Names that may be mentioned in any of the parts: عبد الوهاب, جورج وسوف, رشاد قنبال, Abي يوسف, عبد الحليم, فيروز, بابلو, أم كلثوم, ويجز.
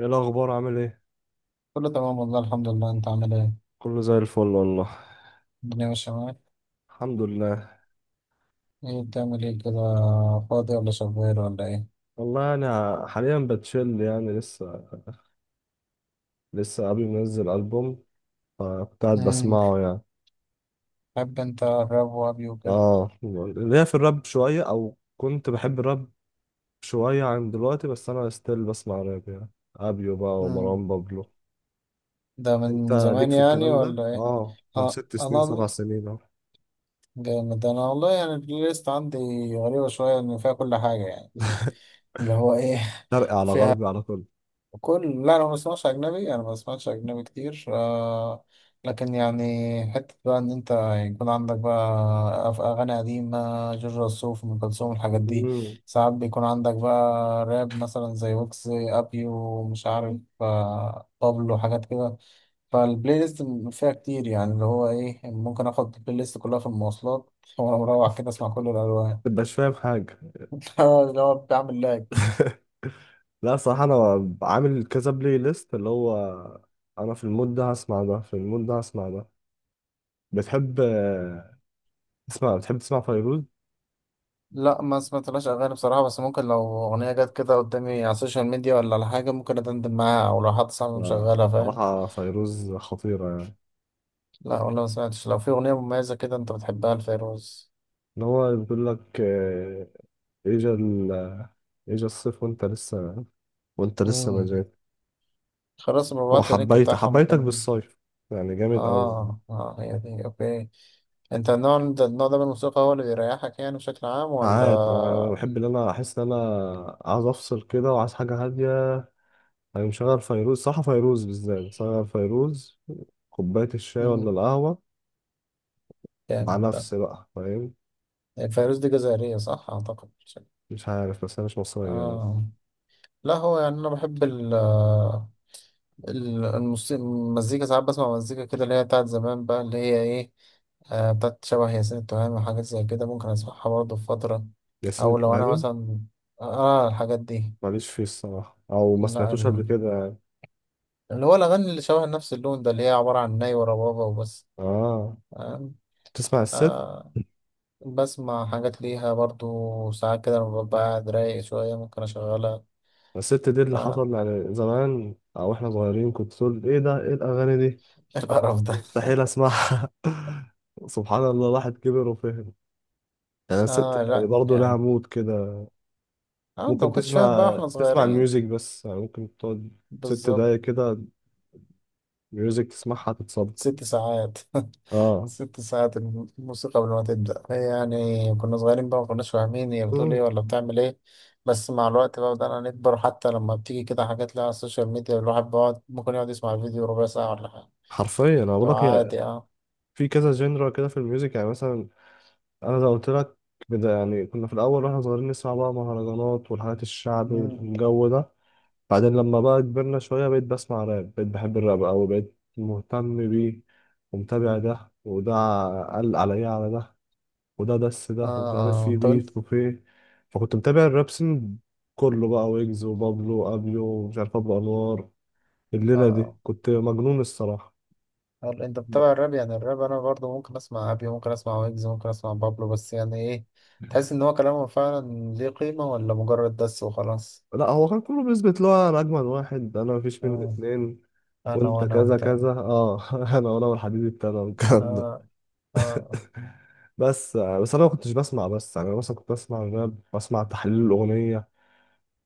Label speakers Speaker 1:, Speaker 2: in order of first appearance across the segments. Speaker 1: ايه الاخبار عامل ايه؟
Speaker 2: كله تمام، والله الحمد لله. انت عامل ايه؟
Speaker 1: كله زي الفل والله.
Speaker 2: الدنيا ماشية معاك؟
Speaker 1: الحمد لله.
Speaker 2: ايه بتعمل ايه كده؟ فاضي ولا شغال ولا ايه؟
Speaker 1: والله انا حاليا بتشيل، يعني لسه قبل ما انزل البوم، فكنت قاعد
Speaker 2: امم
Speaker 1: بسمعه يعني.
Speaker 2: بحب انت الراب وابي وكده؟
Speaker 1: اه، ليا في الراب شويه، او كنت بحب الراب شويه عن دلوقتي، بس انا ستيل بسمع راب يعني، ابيو بقى
Speaker 2: امم
Speaker 1: ومروان بابلو.
Speaker 2: ده
Speaker 1: انت
Speaker 2: من
Speaker 1: ليك
Speaker 2: زمان
Speaker 1: في
Speaker 2: يعني
Speaker 1: الكلام ده؟
Speaker 2: ولا ايه؟
Speaker 1: اه
Speaker 2: اه،
Speaker 1: 6 سنين سبع
Speaker 2: انا
Speaker 1: سنين اهو.
Speaker 2: جامد انا والله. يعني البلاي ليست عندي غريبة شوية ان فيها كل حاجة، يعني اللي هو ايه.
Speaker 1: شرقي على
Speaker 2: فيها
Speaker 1: غربي على كله.
Speaker 2: كل، لا انا ما بسمعش اجنبي، انا ما بسمعش اجنبي كتير آه. لكن يعني حته بقى ان انت يكون عندك بقى اغاني قديمه، جورج وسوف، ام كلثوم، الحاجات دي.
Speaker 1: مم.
Speaker 2: ساعات بيكون عندك بقى راب مثلا زي ويكس، ابيو، مش عارف، بابلو، حاجات كده. فالبلاي ليست فيها كتير، يعني اللي هو ايه، ممكن اخد البلاي ليست كلها في المواصلات وانا مروح كده اسمع كل الالوان.
Speaker 1: متبقاش فاهم حاجه.
Speaker 2: اللي هو بعمل لاج.
Speaker 1: لا صراحة أنا عامل كذا بلاي ليست، اللي هو أنا في المود ده هسمع ده، في المود ده هسمع ده. بتحب تسمع، بتحب تسمع فيروز؟
Speaker 2: لا ما سمعتلاش اغاني بصراحه، بس ممكن لو اغنيه جت كده قدامي على السوشيال ميديا ولا على حاجه ممكن ادندن معاها، او لو حد صاحبي
Speaker 1: لا،
Speaker 2: مشغلها فاهم.
Speaker 1: صراحة فيروز خطيرة يعني.
Speaker 2: لا، ولا ما سمعتش. لو في اغنيه مميزه كده انت بتحبها لفيروز.
Speaker 1: اللي هو بيقول لك إجا ال إجا الصيف وأنت لسه ما
Speaker 2: امم
Speaker 1: جيت.
Speaker 2: خلاص،
Speaker 1: هو
Speaker 2: ببعت لي اللينك
Speaker 1: حبيت
Speaker 2: بتاعها
Speaker 1: حبيتك
Speaker 2: ممكن.
Speaker 1: بالصيف، يعني جامد أوي.
Speaker 2: اه اه، هي دي اوكي. انت النوع ده من الموسيقى هو اللي بيريحك يعني بشكل عام
Speaker 1: ساعات أنا
Speaker 2: ولا؟
Speaker 1: بحب إن أنا أحس إن أنا عايز أفصل كده، وعايز حاجة هادية. أنا مشغل فيروز، صح، فيروز بالذات مشغل فيروز، كوباية الشاي ولا
Speaker 2: امم
Speaker 1: القهوة، مع
Speaker 2: جامد ده.
Speaker 1: نفسي بقى، فاهم.
Speaker 2: هي فيروز دي جزائريه، صح اعتقد؟
Speaker 1: مش عارف، بس أنا مش مصري يعني.
Speaker 2: اه، لا هو يعني انا بحب الموسيقى، المزيكا. ساعات بسمع مزيكا كده اللي هي بتاعت زمان بقى، اللي هي ايه، بتاعت شبه ياسين التهامي وحاجات زي كده ممكن اسمعها برضه في فترة.
Speaker 1: ياسين
Speaker 2: او لو انا
Speaker 1: الفهمي،
Speaker 2: مثلا اه الحاجات دي.
Speaker 1: ماليش فيه الصراحة، أو ما
Speaker 2: لا
Speaker 1: سمعتوش قبل كده يعني.
Speaker 2: اللي هو الاغاني اللي شبه نفس اللون ده اللي هي عبارة عن ناي وربابة وبس.
Speaker 1: آه،
Speaker 2: آه.
Speaker 1: تسمع الست؟
Speaker 2: آه، بسمع حاجات ليها برضه ساعات كده لما ببقى قاعد رايق شوية ممكن اشغلها.
Speaker 1: الست دي اللي
Speaker 2: ف
Speaker 1: حصل يعني زمان، أو إحنا صغيرين كنت تقول إيه ده، إيه الأغاني دي،
Speaker 2: القرف ده.
Speaker 1: مستحيل أسمعها. سبحان الله، الواحد كبر وفهم يعني. الست
Speaker 2: اه،
Speaker 1: يعني
Speaker 2: لا
Speaker 1: برضه لها
Speaker 2: يعني.
Speaker 1: مود كده.
Speaker 2: اه انت ما
Speaker 1: ممكن
Speaker 2: كنتش فاهم بقى
Speaker 1: تسمع،
Speaker 2: واحنا
Speaker 1: تسمع
Speaker 2: صغيرين.
Speaker 1: الميوزك بس، يعني ممكن تقعد ست
Speaker 2: بالظبط.
Speaker 1: دقايق كده ميوزك تسمعها تتصد.
Speaker 2: 6 ساعات
Speaker 1: اه.
Speaker 2: 6 ساعات الموسيقى قبل ما تبدأ هي يعني. كنا صغيرين بقى ما كناش فاهمين هي بتقول
Speaker 1: مم.
Speaker 2: ايه ولا بتعمل ايه. بس مع الوقت بقى بدأنا نكبر، حتى لما بتيجي كده حاجات لها على السوشيال ميديا الواحد بيقعد ممكن يقعد يسمع الفيديو ربع ساعة ولا حاجة.
Speaker 1: حرفيا انا بقول
Speaker 2: لو
Speaker 1: لك، هي
Speaker 2: عادي اه.
Speaker 1: في كذا جنرا كده في الميوزك يعني. مثلا انا لو قلت لك، بدا يعني كنا في الاول واحنا صغيرين نسمع بقى مهرجانات والحاجات الشعب
Speaker 2: مم.
Speaker 1: والجو ده. بعدين لما بقى كبرنا شويه بقيت بسمع راب، بقيت بحب الراب قوي، بقيت مهتم بيه، ومتابع
Speaker 2: مم.
Speaker 1: ده وده، قال عليا على ده، وده دس ده، ومش عارف
Speaker 2: اه
Speaker 1: في
Speaker 2: اه، طب انت.
Speaker 1: بيف وفي. فكنت متابع الراب سين، كله بقى، ويجز وبابلو وابيو ومش عارف ابو انوار
Speaker 2: اه
Speaker 1: الليلة دي،
Speaker 2: آه.
Speaker 1: كنت مجنون الصراحة.
Speaker 2: هل انت
Speaker 1: ب...
Speaker 2: بتتابع الراب؟ يعني الراب انا برضو ممكن اسمع ابي، ممكن اسمع ويجز، ممكن اسمع بابلو، بس يعني ايه، تحس ان هو كلامه فعلا ليه قيمة ولا مجرد دس وخلاص.
Speaker 1: لا هو كان كله بيثبت له أنا أجمل واحد، أنا مفيش مني
Speaker 2: مم.
Speaker 1: اتنين،
Speaker 2: انا
Speaker 1: وأنت
Speaker 2: وانا
Speaker 1: كذا
Speaker 2: وبتاع.
Speaker 1: كذا أه. أنا وأنا والحديد ابتدى والكلام ده.
Speaker 2: اه اه.
Speaker 1: بس أنا ما كنتش بسمع، بس يعني أنا مثلا كنت بسمع الراب، بسمع تحليل الأغنية،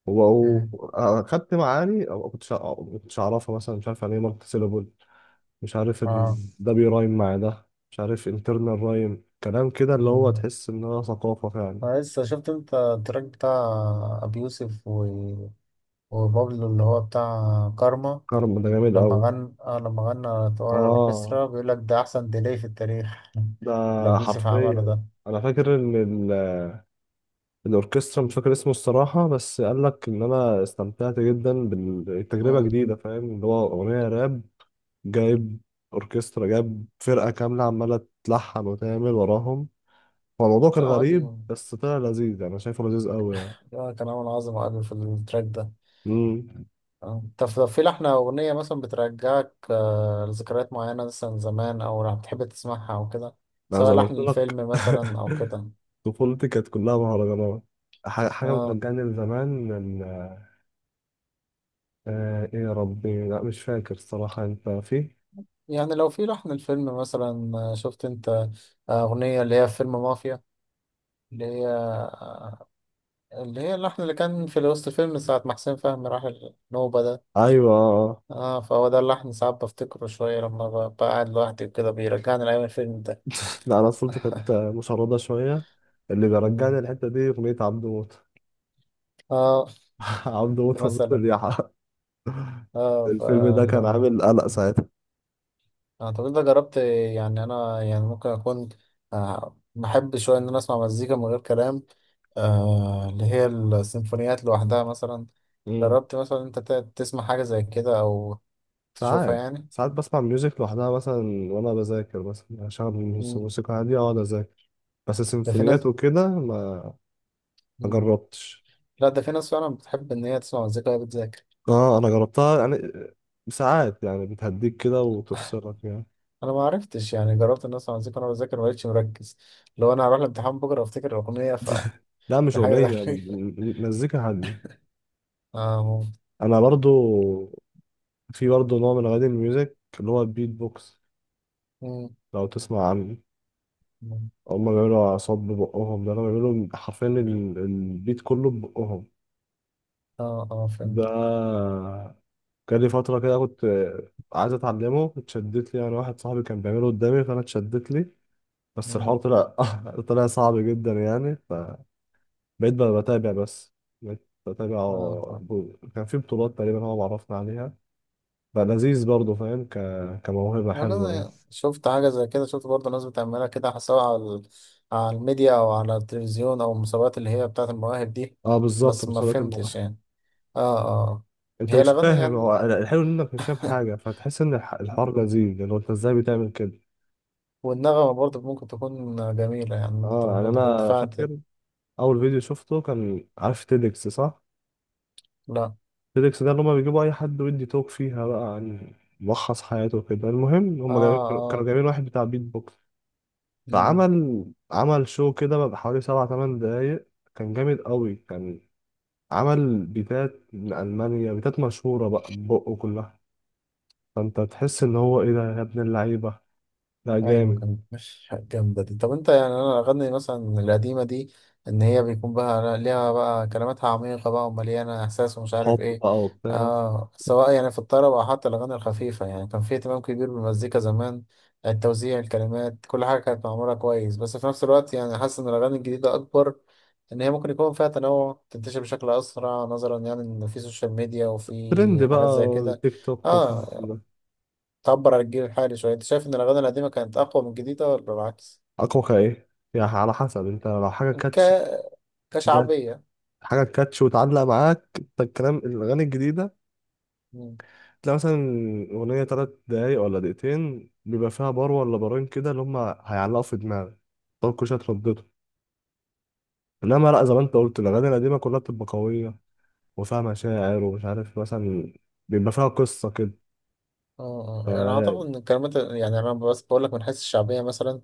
Speaker 2: مم.
Speaker 1: أخدت معاني أو ما كنتش أعرفها، مثلا مش عارف يعني إيه مالتي سيلابول، مش عارف إن
Speaker 2: اه.
Speaker 1: ده بيرايم مع ده، مش عارف انترنال رايم، كلام كده اللي هو
Speaker 2: مم.
Speaker 1: تحس إن هو ثقافة فعلا.
Speaker 2: أنا لسه شفت انت التراك بتاع ابي يوسف وبابلو اللي هو بتاع كارما.
Speaker 1: كرم ده جامد أوي.
Speaker 2: لما غنى ورا
Speaker 1: آه
Speaker 2: الاوركسترا، بيقول لك ده احسن ديلي في التاريخ
Speaker 1: ده،
Speaker 2: اللي ابي يوسف عمله
Speaker 1: حرفيا
Speaker 2: ده.
Speaker 1: انا فاكر ان الاوركسترا، مش فاكر اسمه الصراحه، بس قال لك ان انا استمتعت جدا بالتجربه
Speaker 2: مم.
Speaker 1: جديده، فاهم، اللي هو اغنيه راب، جايب اوركسترا، جايب فرقه كامله عماله تلحن وتعمل وراهم. هو الموضوع كان
Speaker 2: لا، وابي
Speaker 1: غريب بس طلع لذيذ، يعني انا شايفه لذيذ قوي يعني.
Speaker 2: كان عامل عظمة ابي في التراك ده.
Speaker 1: امم،
Speaker 2: آه. طب في لحنة أغنية مثلا بترجعك لذكريات معينة مثلا زمان أو بتحب تسمعها أو كده،
Speaker 1: انا
Speaker 2: سواء
Speaker 1: زي ما
Speaker 2: لحن
Speaker 1: قلت لك.
Speaker 2: الفيلم مثلا أو كده.
Speaker 1: طفولتي كانت كلها مهرجانات. حاجه
Speaker 2: آه.
Speaker 1: بترجعني لزمان آه ايه يا ربي، لا مش فاكر الصراحه انت فيه.
Speaker 2: يعني لو في لحن الفيلم مثلا، شفت انت أغنية اللي هي في فيلم مافيا، اللي هي اللي هي اللحن اللي كان في وسط الفيلم ساعة ما حسين فهمي راح النوبة ده.
Speaker 1: ايوه آه.
Speaker 2: اه، فهو ده اللحن ساعات بفتكره شوية لما بقعد لوحدي وكده بيرجعني لأيام الفيلم ده.
Speaker 1: لا انا طفولتي كانت مشردة شوية. اللي بيرجعني
Speaker 2: مم.
Speaker 1: الحتة دي اغنية عبد موت.
Speaker 2: اه
Speaker 1: عبد موت ونص
Speaker 2: مثلا.
Speaker 1: اليحة،
Speaker 2: اه
Speaker 1: الفيلم ده كان
Speaker 2: فالله
Speaker 1: عامل قلق ساعتها.
Speaker 2: اعتقد ده جربت. يعني انا يعني ممكن اكون بحب شويه ان انا اسمع مزيكا من غير كلام، اللي هي السيمفونيات لوحدها مثلا.
Speaker 1: مم.
Speaker 2: جربت مثلا انت تسمع حاجه زي كده او تشوفها
Speaker 1: ساعات
Speaker 2: يعني.
Speaker 1: ساعات بسمع ميوزك لوحدها مثلا وانا بذاكر، مثلا اشغل
Speaker 2: مم.
Speaker 1: موسيقى هادية واقعد اذاكر، بس
Speaker 2: ده في
Speaker 1: سيمفونيات
Speaker 2: ناس.
Speaker 1: وكده ما، ما
Speaker 2: مم.
Speaker 1: جربتش.
Speaker 2: لا، ده في ناس فعلا بتحب ان هي تسمع مزيكا وهي بتذاكر.
Speaker 1: اه انا جربتها يعني، ساعات يعني بتهديك كده وتفصلك يعني.
Speaker 2: انا ما عرفتش، يعني جربت ان اسمع مزيكا وانا بذاكر ما بقتش مركز. لو انا هروح الامتحان بكره وافتكر الاغنيه فدي
Speaker 1: لا مش
Speaker 2: حاجه
Speaker 1: أغنية،
Speaker 2: غريبه.
Speaker 1: مزيكا هادية.
Speaker 2: اه ممكن.
Speaker 1: أنا برضو، في برضه نوع من أغاني الميوزك اللي هو البيت بوكس،
Speaker 2: مم.
Speaker 1: لو تسمع عنه،
Speaker 2: مم.
Speaker 1: هما بيعملوا أعصاب ببقهم، ده أنا بيعملوا حرفيا البيت كله ببقهم.
Speaker 2: اه اه
Speaker 1: ده
Speaker 2: فهمت.
Speaker 1: كان لي فترة كده كنت عايز أتعلمه، اتشدت لي يعني، واحد صاحبي كان بيعمله قدامي فأنا اتشدت لي، بس
Speaker 2: مم.
Speaker 1: الحوار طلع طلع صعب جدا يعني، فبقيت بقى بتابع بس، بقيت بتابع.
Speaker 2: اه آه.
Speaker 1: كان في بطولات تقريبا هو معرفنا عليها، بقى لذيذ برضه فاهم، كموهبة
Speaker 2: يعني
Speaker 1: حلوة يعني.
Speaker 2: أنا شفت حاجة زي كده، شفت برضه ناس بتعملها كده، سواء على على الميديا أو على التلفزيون أو المسابقات اللي هي بتاعة المواهب دي.
Speaker 1: اه بالظبط
Speaker 2: بس ما
Speaker 1: مسابقات.
Speaker 2: فهمتش يعني. اه اه آه.
Speaker 1: انت
Speaker 2: هي
Speaker 1: مش
Speaker 2: الأغاني
Speaker 1: فاهم،
Speaker 2: يعني
Speaker 1: هو الحلو انك مش فاهم حاجه، فتحس ان الحوار لذيذ، لان هو انت ازاي بتعمل كده.
Speaker 2: والنغمة برضه ممكن تكون جميلة، يعني أنت
Speaker 1: اه يعني
Speaker 2: ممكن تكون
Speaker 1: انا
Speaker 2: فعلا.
Speaker 1: فاكر اول فيديو شفته، كان عارف تيدكس؟ صح،
Speaker 2: لا.
Speaker 1: تيدكس ده اللي هما بيجيبوا اي حد ويدي توك فيها بقى عن ملخص حياته كده، المهم
Speaker 2: اه
Speaker 1: هما جايبين، كانوا
Speaker 2: اه.
Speaker 1: جايبين واحد بتاع بيت بوكس،
Speaker 2: مم.
Speaker 1: فعمل، عمل شو كده بقى حوالي سبع تمن دقايق، كان جامد قوي، كان عمل بيتات من المانيا، بيتات مشهوره بقى بقه كلها. فانت تحس ان هو ايه ده يا ابن اللعيبه، لا
Speaker 2: ايوه،
Speaker 1: جامد.
Speaker 2: كانت مش جامده دي. طب انت يعني انا اغني مثلا القديمه دي، ان هي بيكون بقى ليها بقى كلماتها عميقه بقى ومليانه احساس ومش عارف
Speaker 1: حب
Speaker 2: ايه.
Speaker 1: بقى وبتاع.
Speaker 2: آه، سواء يعني في الطرب او حتى الاغاني الخفيفه يعني كان في اهتمام كبير بالمزيكا زمان. التوزيع، الكلمات، كل حاجه كانت معموله كويس. بس في نفس الوقت يعني حاسس ان الاغاني الجديده اكبر، ان هي ممكن يكون فيها تنوع، تنتشر بشكل اسرع نظرا يعني ان في سوشيال ميديا
Speaker 1: ترند
Speaker 2: وفي حاجات
Speaker 1: بقى،
Speaker 2: زي كده.
Speaker 1: تيك توك وكده.
Speaker 2: اه، تعبر عن الجيل الحالي شوية. أنت شايف إن الأغاني القديمة كانت أقوى من الجديدة ولا العكس؟
Speaker 1: اكوكا ايه يعني، على حسب، انت لو حاجه
Speaker 2: ك...
Speaker 1: كاتش، ده
Speaker 2: كشعبية.
Speaker 1: حاجه كاتش وتعلق معاك انت الكلام، الاغاني الجديده
Speaker 2: مم.
Speaker 1: تلاقي مثلا اغنيه 3 دقايق ولا دقيقتين بيبقى فيها بار ولا بارين كده اللي هم هيعلقوا في دماغك، طب كل شويه تردده. انما لا زي ما انت قلت، الاغاني القديمه كلها بتبقى قويه، وفيها مشاعر ومش عارف، مثلا بيبقى فيها قصه كده.
Speaker 2: اه آه. يعني أعتقد إن الكلمات، يعني أنا بس بقول لك من حيث الشعبية مثلا،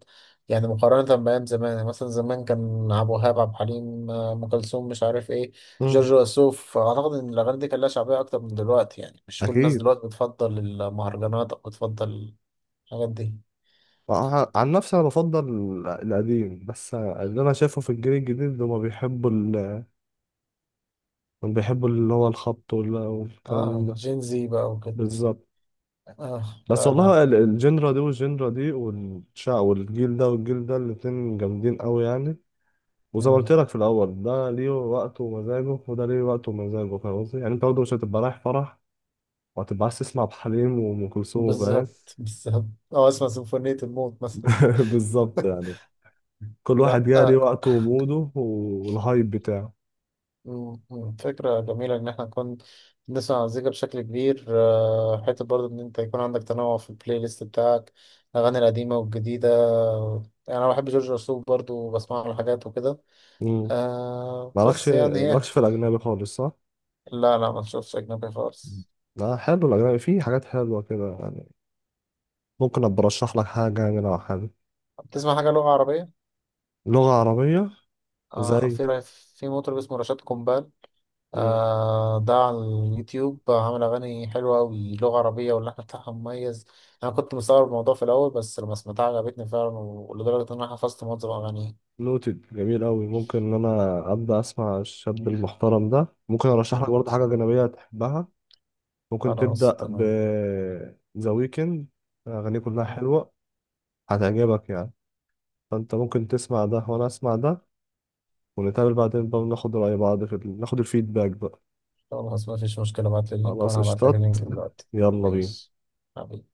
Speaker 2: يعني مقارنة بأيام زمان. يعني مثلا زمان كان عبد الوهاب، عبد الحليم، أم كلثوم، مش عارف إيه،
Speaker 1: امم.
Speaker 2: جورج وسوف. أعتقد إن الأغاني دي كان لها شعبية أكتر من دلوقتي، يعني مش كل الناس
Speaker 1: اكيد.
Speaker 2: دلوقتي بتفضل المهرجانات أو بتفضل الحاجات دي.
Speaker 1: عن نفسي انا بفضل القديم، بس اللي انا شايفه في الجيل الجديد هما بيحبوا هما بيحبوا اللي هو الخبط والكلام
Speaker 2: اه،
Speaker 1: ده.
Speaker 2: جين زي بقى وكده.
Speaker 1: بالظبط.
Speaker 2: اه،
Speaker 1: بس
Speaker 2: لا لا.
Speaker 1: والله الجنرا دي والجنرا دي، والشع والجيل ده والجيل ده، الاتنين جامدين قوي يعني. وزي ما قلت
Speaker 2: مم.
Speaker 1: لك في الاول، ده ليه وقته ومزاجه وده ليه وقته ومزاجه، فاهم قصدي يعني، انت برضه مش هتبقى رايح فرح وهتبقى عايز تسمع ابو حليم وام كلثوم، فاهم.
Speaker 2: بالظبط بالظبط. أو أسمع سيمفونية الموت مثلا.
Speaker 1: بالظبط يعني. كل واحد
Speaker 2: لا،
Speaker 1: جاي ليه وقته وموده والهايب بتاعه.
Speaker 2: فكرة جميلة إن إحنا نكون بنسمع مزيكا بشكل كبير، حتة برضه إن أنت يكون عندك تنوع في البلاي ليست بتاعك، الأغاني القديمة والجديدة. يعني أنا بحب جورج وسوف برضه وبسمع له حاجات وكده،
Speaker 1: مالكش
Speaker 2: بس يعني هي.
Speaker 1: مالكش في الأجنبي خالص صح؟
Speaker 2: لا لا، ما تشوفش أجنبي
Speaker 1: مم.
Speaker 2: خالص.
Speaker 1: لا حلو الأجنبي، فيه حاجات حلوة كده يعني. ممكن أبقى أرشح لك حاجة يعني لو حابب،
Speaker 2: بتسمع حاجة لغة عربية؟
Speaker 1: لغة عربية
Speaker 2: آه،
Speaker 1: زي.
Speaker 2: في في مطرب اسمه رشاد قنبال. ده على اليوتيوب، عامل أغاني حلوة أوي لغة عربية واللحن بتاعها مميز. أنا كنت مستغرب الموضوع في الأول، بس لما سمعتها عجبتني فعلا، ولدرجة إن أنا حفظت معظم أغانيه.
Speaker 1: نوتد، جميل أوي، ممكن إن أنا أبدأ أسمع الشاب المحترم ده، ممكن أرشح لك
Speaker 2: مم.
Speaker 1: برضه حاجة أجنبية تحبها. ممكن
Speaker 2: خلاص
Speaker 1: تبدأ ب
Speaker 2: تمام.
Speaker 1: ذا ويكند، أغانيه كلها حلوة، هتعجبك يعني، فأنت ممكن تسمع ده وأنا أسمع ده، ونتقابل بعدين بقى وناخد رأي بعض في ناخد الفيدباك بقى.
Speaker 2: خلاص، مفيش مشكلة. ابعتلي اللينك
Speaker 1: خلاص
Speaker 2: وأنا هبعتلك
Speaker 1: قشطات،
Speaker 2: اللينك دلوقتي.
Speaker 1: يلا بينا.
Speaker 2: ماشي. حبيبي.